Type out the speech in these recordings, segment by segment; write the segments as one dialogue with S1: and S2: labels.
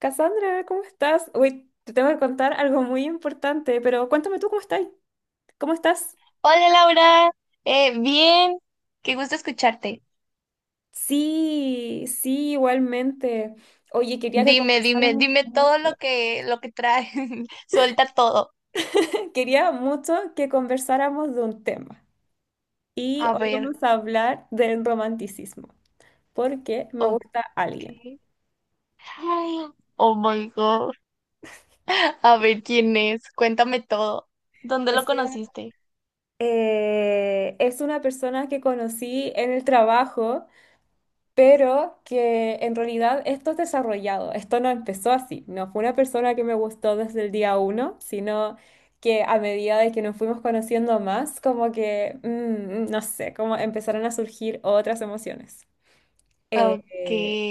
S1: Cassandra, ¿cómo estás? Uy, te tengo que contar algo muy importante, pero cuéntame tú cómo estás. ¿Cómo estás?
S2: Hola Laura, bien, qué gusto escucharte.
S1: Sí, sí, igualmente. Oye, quería que conversáramos
S2: Dime
S1: mucho.
S2: todo lo que trae, suelta todo.
S1: Quería mucho que conversáramos de un tema. Y
S2: A
S1: hoy
S2: ver,
S1: vamos a hablar del romanticismo, porque me
S2: ok.
S1: gusta alguien.
S2: Ay, oh my God. A ver quién es, cuéntame todo. ¿Dónde
S1: O
S2: lo
S1: sea,
S2: conociste?
S1: es una persona que conocí en el trabajo pero que en realidad esto es desarrollado, esto no empezó así, no fue una persona que me gustó desde el día uno, sino que a medida de que nos fuimos conociendo más, como que, no sé, como empezaron a surgir otras emociones. Eh,
S2: Ok.
S1: eh,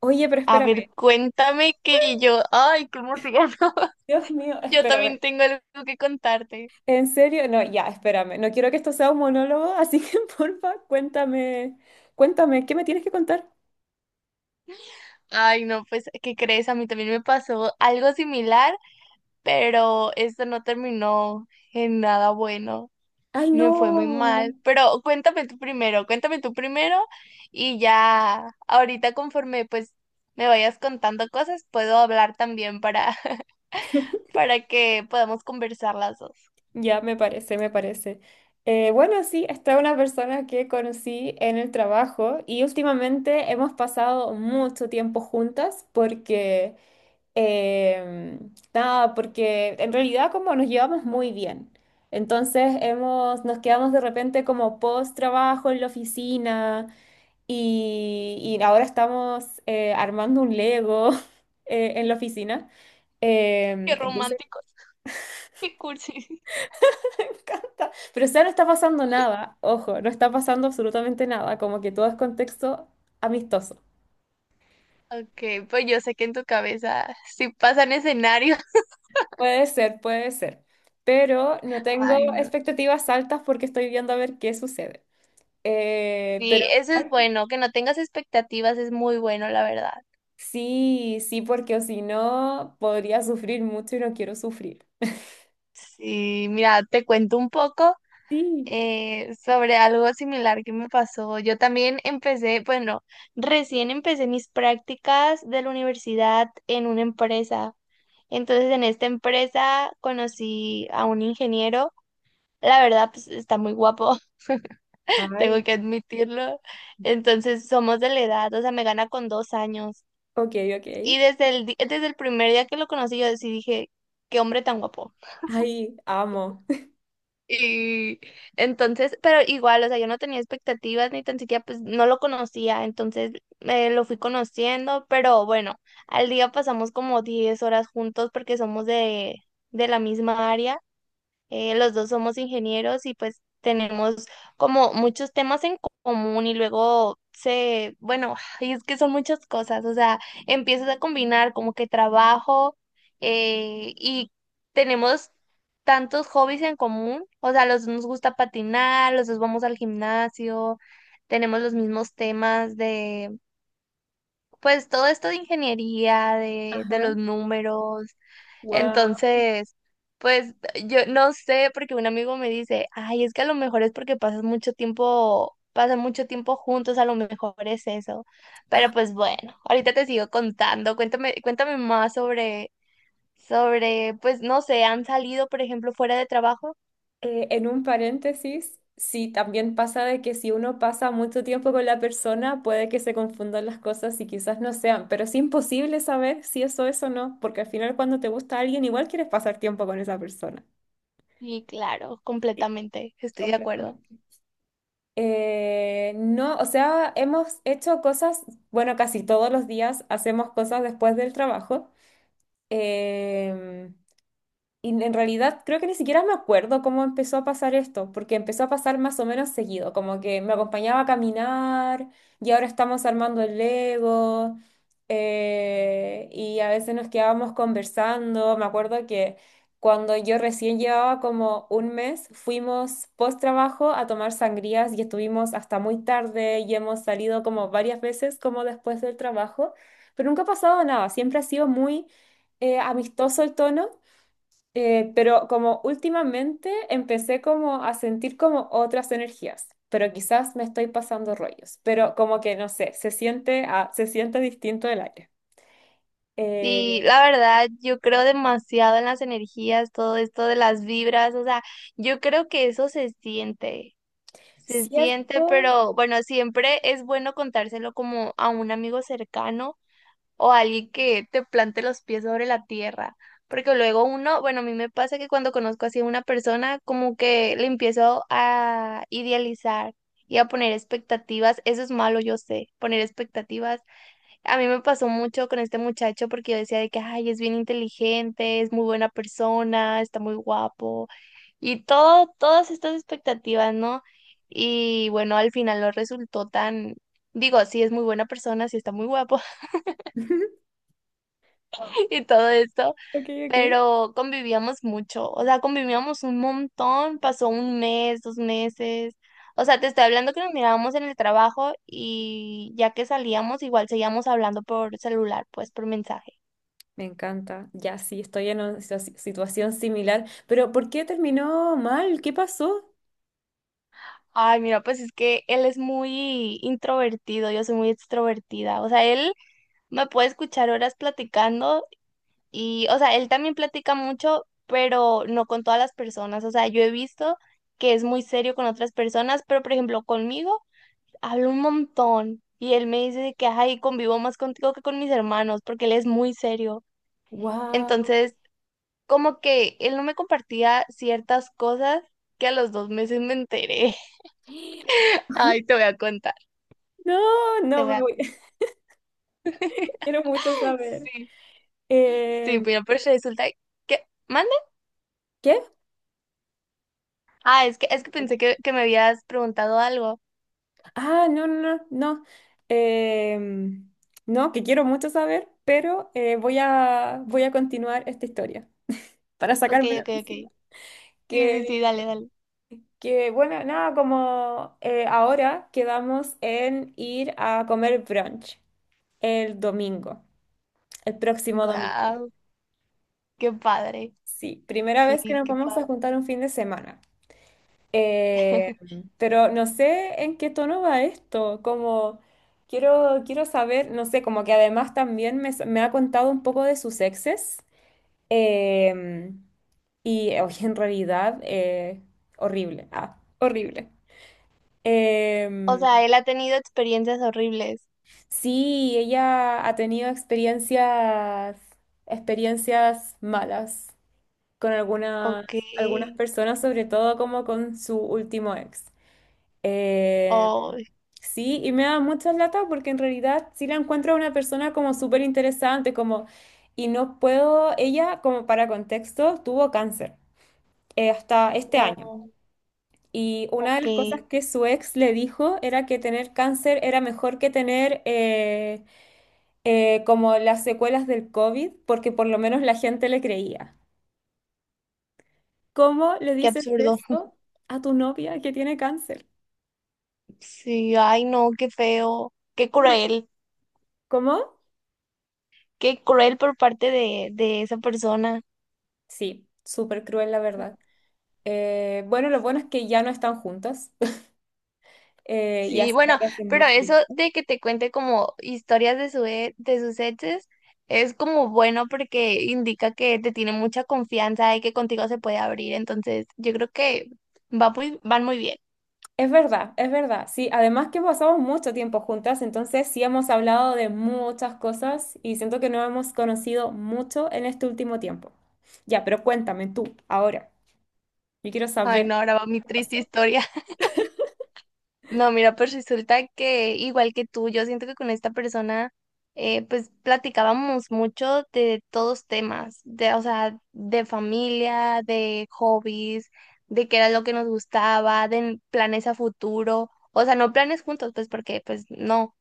S1: Oye, pero
S2: A
S1: espérame,
S2: ver, cuéntame que yo, ay, qué emoción.
S1: Dios mío,
S2: Yo también
S1: espérame.
S2: tengo algo que contarte.
S1: ¿En serio? No, ya, espérame. No quiero que esto sea un monólogo, así que porfa, cuéntame, cuéntame, ¿qué me tienes que contar?
S2: Ay, no, pues, ¿qué crees? A mí también me pasó algo similar, pero esto no terminó en nada bueno.
S1: Ay,
S2: Me fue muy mal.
S1: no.
S2: Pero cuéntame tú primero, y ya ahorita conforme pues me vayas contando cosas, puedo hablar también para que podamos conversar las dos.
S1: Ya, me parece, me parece. Bueno, sí, esta es una persona que conocí en el trabajo y últimamente hemos pasado mucho tiempo juntas porque, eh, nada, porque en realidad como nos llevamos muy bien. Entonces nos quedamos de repente como post trabajo en la oficina y ahora estamos armando un Lego en la oficina.
S2: Qué
S1: Entonces
S2: románticos, qué cursi.
S1: encanta. Pero o sea, no está pasando nada, ojo, no está pasando absolutamente nada, como que todo es contexto amistoso.
S2: Ok, pues yo sé que en tu cabeza sí pasan escenarios.
S1: Puede ser, pero no tengo
S2: Ay, no.
S1: expectativas altas porque estoy viendo a ver qué sucede. Pero
S2: Sí, eso es bueno, que no tengas expectativas es muy bueno, la verdad.
S1: sí, sí, porque o si no, podría sufrir mucho y no quiero sufrir.
S2: Sí, mira, te cuento un poco
S1: Sí.
S2: sobre algo similar que me pasó. Yo también empecé, bueno, recién empecé mis prácticas de la universidad en una empresa. Entonces, en esta empresa conocí a un ingeniero. La verdad, pues está muy guapo, tengo
S1: Ay,
S2: que admitirlo. Entonces, somos de la edad, o sea, me gana con 2 años.
S1: ok, ok.
S2: Y desde desde el primer día que lo conocí, yo sí dije, qué hombre tan guapo.
S1: Ay, amo.
S2: Y entonces, pero igual, o sea, yo no tenía expectativas ni tan siquiera, pues no lo conocía, entonces lo fui conociendo, pero bueno, al día pasamos como 10 horas juntos porque somos de la misma área. Los dos somos ingenieros y pues tenemos como muchos temas común, y luego se, bueno, y es que son muchas cosas, o sea, empiezas a combinar como que trabajo y tenemos tantos hobbies en común. O sea, los dos nos gusta patinar, los dos vamos al gimnasio, tenemos los mismos temas de pues todo esto de ingeniería, de
S1: Ajá,
S2: los números.
S1: wow.
S2: Entonces, pues yo no sé, porque un amigo me dice, ay, es que a lo mejor es porque pasan mucho tiempo juntos, a lo mejor es eso. Pero pues bueno, ahorita te sigo contando, cuéntame más pues no sé, ¿han salido, por ejemplo, fuera de trabajo?
S1: En un paréntesis, sí, también pasa de que si uno pasa mucho tiempo con la persona, puede que se confundan las cosas y quizás no sean, pero es imposible saber si eso es o no, porque al final cuando te gusta alguien, igual quieres pasar tiempo con esa persona.
S2: Y claro,
S1: Sí,
S2: completamente, estoy de acuerdo.
S1: completamente. No, o sea, hemos hecho cosas, bueno, casi todos los días hacemos cosas después del trabajo. Em, Y en realidad creo que ni siquiera me acuerdo cómo empezó a pasar esto, porque empezó a pasar más o menos seguido, como que me acompañaba a caminar y ahora estamos armando el Lego y a veces nos quedábamos conversando. Me acuerdo que cuando yo recién llevaba como un mes, fuimos post trabajo a tomar sangrías y estuvimos hasta muy tarde y hemos salido como varias veces como después del trabajo, pero nunca ha pasado nada, siempre ha sido muy amistoso el tono. Pero como últimamente empecé como a sentir como otras energías, pero quizás me estoy pasando rollos, pero como que no sé, se siente, se siente distinto el aire.
S2: Sí,
S1: Eh,
S2: la verdad, yo creo demasiado en las energías, todo esto de las vibras, o sea, yo creo que eso se siente,
S1: ¿Cierto?
S2: pero bueno, siempre es bueno contárselo como a un amigo cercano o a alguien que te plante los pies sobre la tierra, porque luego uno, bueno, a mí me pasa que cuando conozco así a una persona, como que le empiezo a idealizar y a poner expectativas. Eso es malo, yo sé, poner expectativas. A mí me pasó mucho con este muchacho porque yo decía de que, ay, es bien inteligente, es muy buena persona, está muy guapo y todo, todas estas expectativas, ¿no? Y bueno, al final no resultó tan, digo, sí es muy buena persona, sí está muy guapo y todo esto,
S1: Ok, ok.
S2: pero convivíamos mucho, o sea, convivíamos un montón, pasó un mes, dos meses. O sea, te estoy hablando que nos mirábamos en el trabajo y ya que salíamos, igual seguíamos hablando por celular, pues por mensaje.
S1: Me encanta. Ya sí, estoy en una situación similar, pero ¿por qué terminó mal? ¿Qué pasó?
S2: Ay, mira, pues es que él es muy introvertido, yo soy muy extrovertida. O sea, él me puede escuchar horas platicando y, o sea, él también platica mucho, pero no con todas las personas. O sea, yo he visto que es muy serio con otras personas, pero por ejemplo, conmigo habla un montón y él me dice de que, ay, convivo más contigo que con mis hermanos, porque él es muy serio.
S1: Wow.
S2: Entonces, como que él no me compartía ciertas cosas que a los 2 meses me enteré. Ay, te voy a contar,
S1: No,
S2: te
S1: no
S2: voy
S1: me
S2: a
S1: voy.
S2: contar.
S1: Quiero mucho saber.
S2: Sí, sí,
S1: Eh,
S2: mira, pero pues resulta que... ¿Mande?
S1: ¿Qué?
S2: Es que, es que pensé que me habías preguntado algo.
S1: Ah, no, no, no, no. Em, no, que quiero mucho saber, pero voy a continuar esta historia para sacármela de
S2: Ok.
S1: encima.
S2: Sí,
S1: Que,
S2: sí, dale, dale.
S1: bueno, nada, como ahora quedamos en ir a comer brunch el domingo, el próximo domingo.
S2: Wow, qué padre.
S1: Sí, primera vez que
S2: Sí,
S1: nos
S2: qué
S1: vamos a
S2: padre.
S1: juntar un fin de semana. Eh, pero no sé en qué tono va esto, como quiero saber, no sé, como que además también me ha contado un poco de sus exes em, y oye, en realidad horrible, horrible.
S2: O
S1: Em,
S2: sea, él ha tenido experiencias horribles.
S1: sí, ella ha tenido experiencias malas con algunas,
S2: Ok.
S1: algunas personas, sobre todo como con su último ex. Eh,
S2: Oh,
S1: sí, y me da muchas latas porque en realidad sí la encuentro a una persona como súper interesante, como, y no puedo, ella, como para contexto, tuvo cáncer hasta este año.
S2: oh,
S1: Y una de
S2: ok.
S1: las cosas que su ex le dijo era que tener cáncer era mejor que tener como las secuelas del COVID, porque por lo menos la gente le creía. ¿Cómo le
S2: Qué
S1: dices
S2: absurdo.
S1: eso a tu novia que tiene cáncer?
S2: Sí, ay, no, qué feo. Qué
S1: Horri-
S2: cruel.
S1: ¿Cómo?
S2: Qué cruel por parte de esa persona.
S1: Sí, súper cruel la verdad. Bueno, lo bueno es que ya no están juntas y
S2: Sí,
S1: hace, creo
S2: bueno,
S1: que hace
S2: pero
S1: mucho
S2: eso
S1: tiempo.
S2: de que te cuente como historias de de sus exes es como bueno porque indica que te tiene mucha confianza y que contigo se puede abrir. Entonces yo creo que van muy bien.
S1: Es verdad, es verdad. Sí, además que pasamos mucho tiempo juntas, entonces sí hemos hablado de muchas cosas y siento que nos hemos conocido mucho en este último tiempo. Ya, pero cuéntame tú, ahora. Yo quiero
S2: Ay,
S1: saber
S2: no, ahora va mi
S1: qué
S2: triste
S1: pasó.
S2: historia. No, mira, pues resulta que igual que tú, yo siento que con esta persona, pues platicábamos mucho de todos temas, o sea, de familia, de hobbies, de qué era lo que nos gustaba, de planes a futuro, o sea, no planes juntos, pues porque, pues no,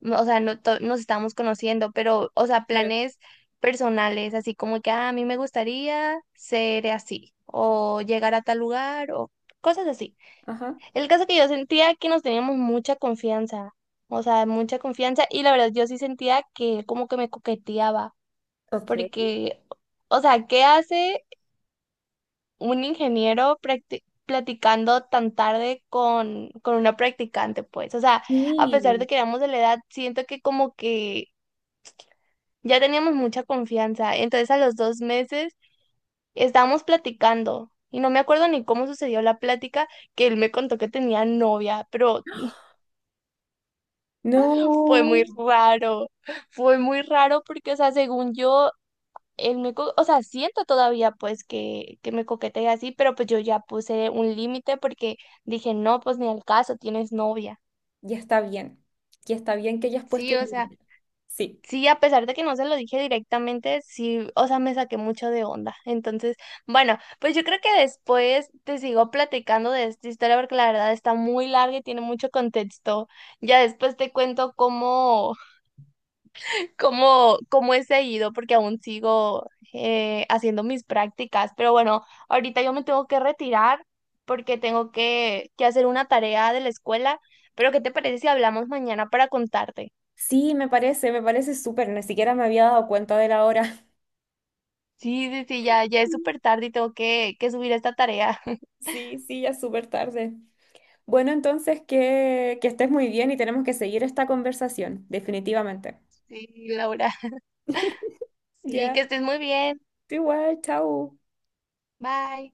S2: no, o sea, no to- nos estábamos conociendo, pero, o sea,
S1: Claro.
S2: planes personales, así como que "Ah, a mí me gustaría ser así, o llegar a tal lugar, o cosas así".
S1: Ajá.
S2: El caso que yo sentía que nos teníamos mucha confianza, y la verdad yo sí sentía que él como que me coqueteaba,
S1: Ok.
S2: porque, o sea, ¿qué hace un platicando tan tarde con una practicante, pues? O sea, a pesar de
S1: Sí.
S2: que éramos de la edad, siento que como que ya teníamos mucha confianza, entonces a los 2 meses estábamos platicando. Y no me acuerdo ni cómo sucedió la plática, que él me contó que tenía novia, pero fue muy
S1: No.
S2: raro, fue muy raro porque, o sea, según yo, o sea, siento todavía pues que me coquetea así, pero pues yo ya puse un límite porque dije, no, pues ni al caso, tienes novia.
S1: Ya está bien. Ya está bien que hayas
S2: Sí,
S1: puesto un
S2: o sea,
S1: límite. Sí.
S2: sí, a pesar de que no se lo dije directamente, sí, o sea, me saqué mucho de onda. Entonces, bueno, pues yo creo que después te sigo platicando de esta historia porque la verdad está muy larga y tiene mucho contexto. Ya después te cuento cómo he seguido, porque aún sigo haciendo mis prácticas. Pero bueno, ahorita yo me tengo que retirar porque tengo que hacer una tarea de la escuela. Pero ¿qué te parece si hablamos mañana para contarte?
S1: Sí, me parece súper. Ni siquiera me había dado cuenta de la hora.
S2: Sí, ya, ya es súper tarde y tengo que subir esta tarea.
S1: Sí, sí, ya es súper tarde. Bueno, entonces que estés muy bien y tenemos que seguir esta conversación, definitivamente.
S2: Sí, Laura. Sí, que
S1: Ya,
S2: estés muy bien.
S1: tú igual, chao.
S2: Bye.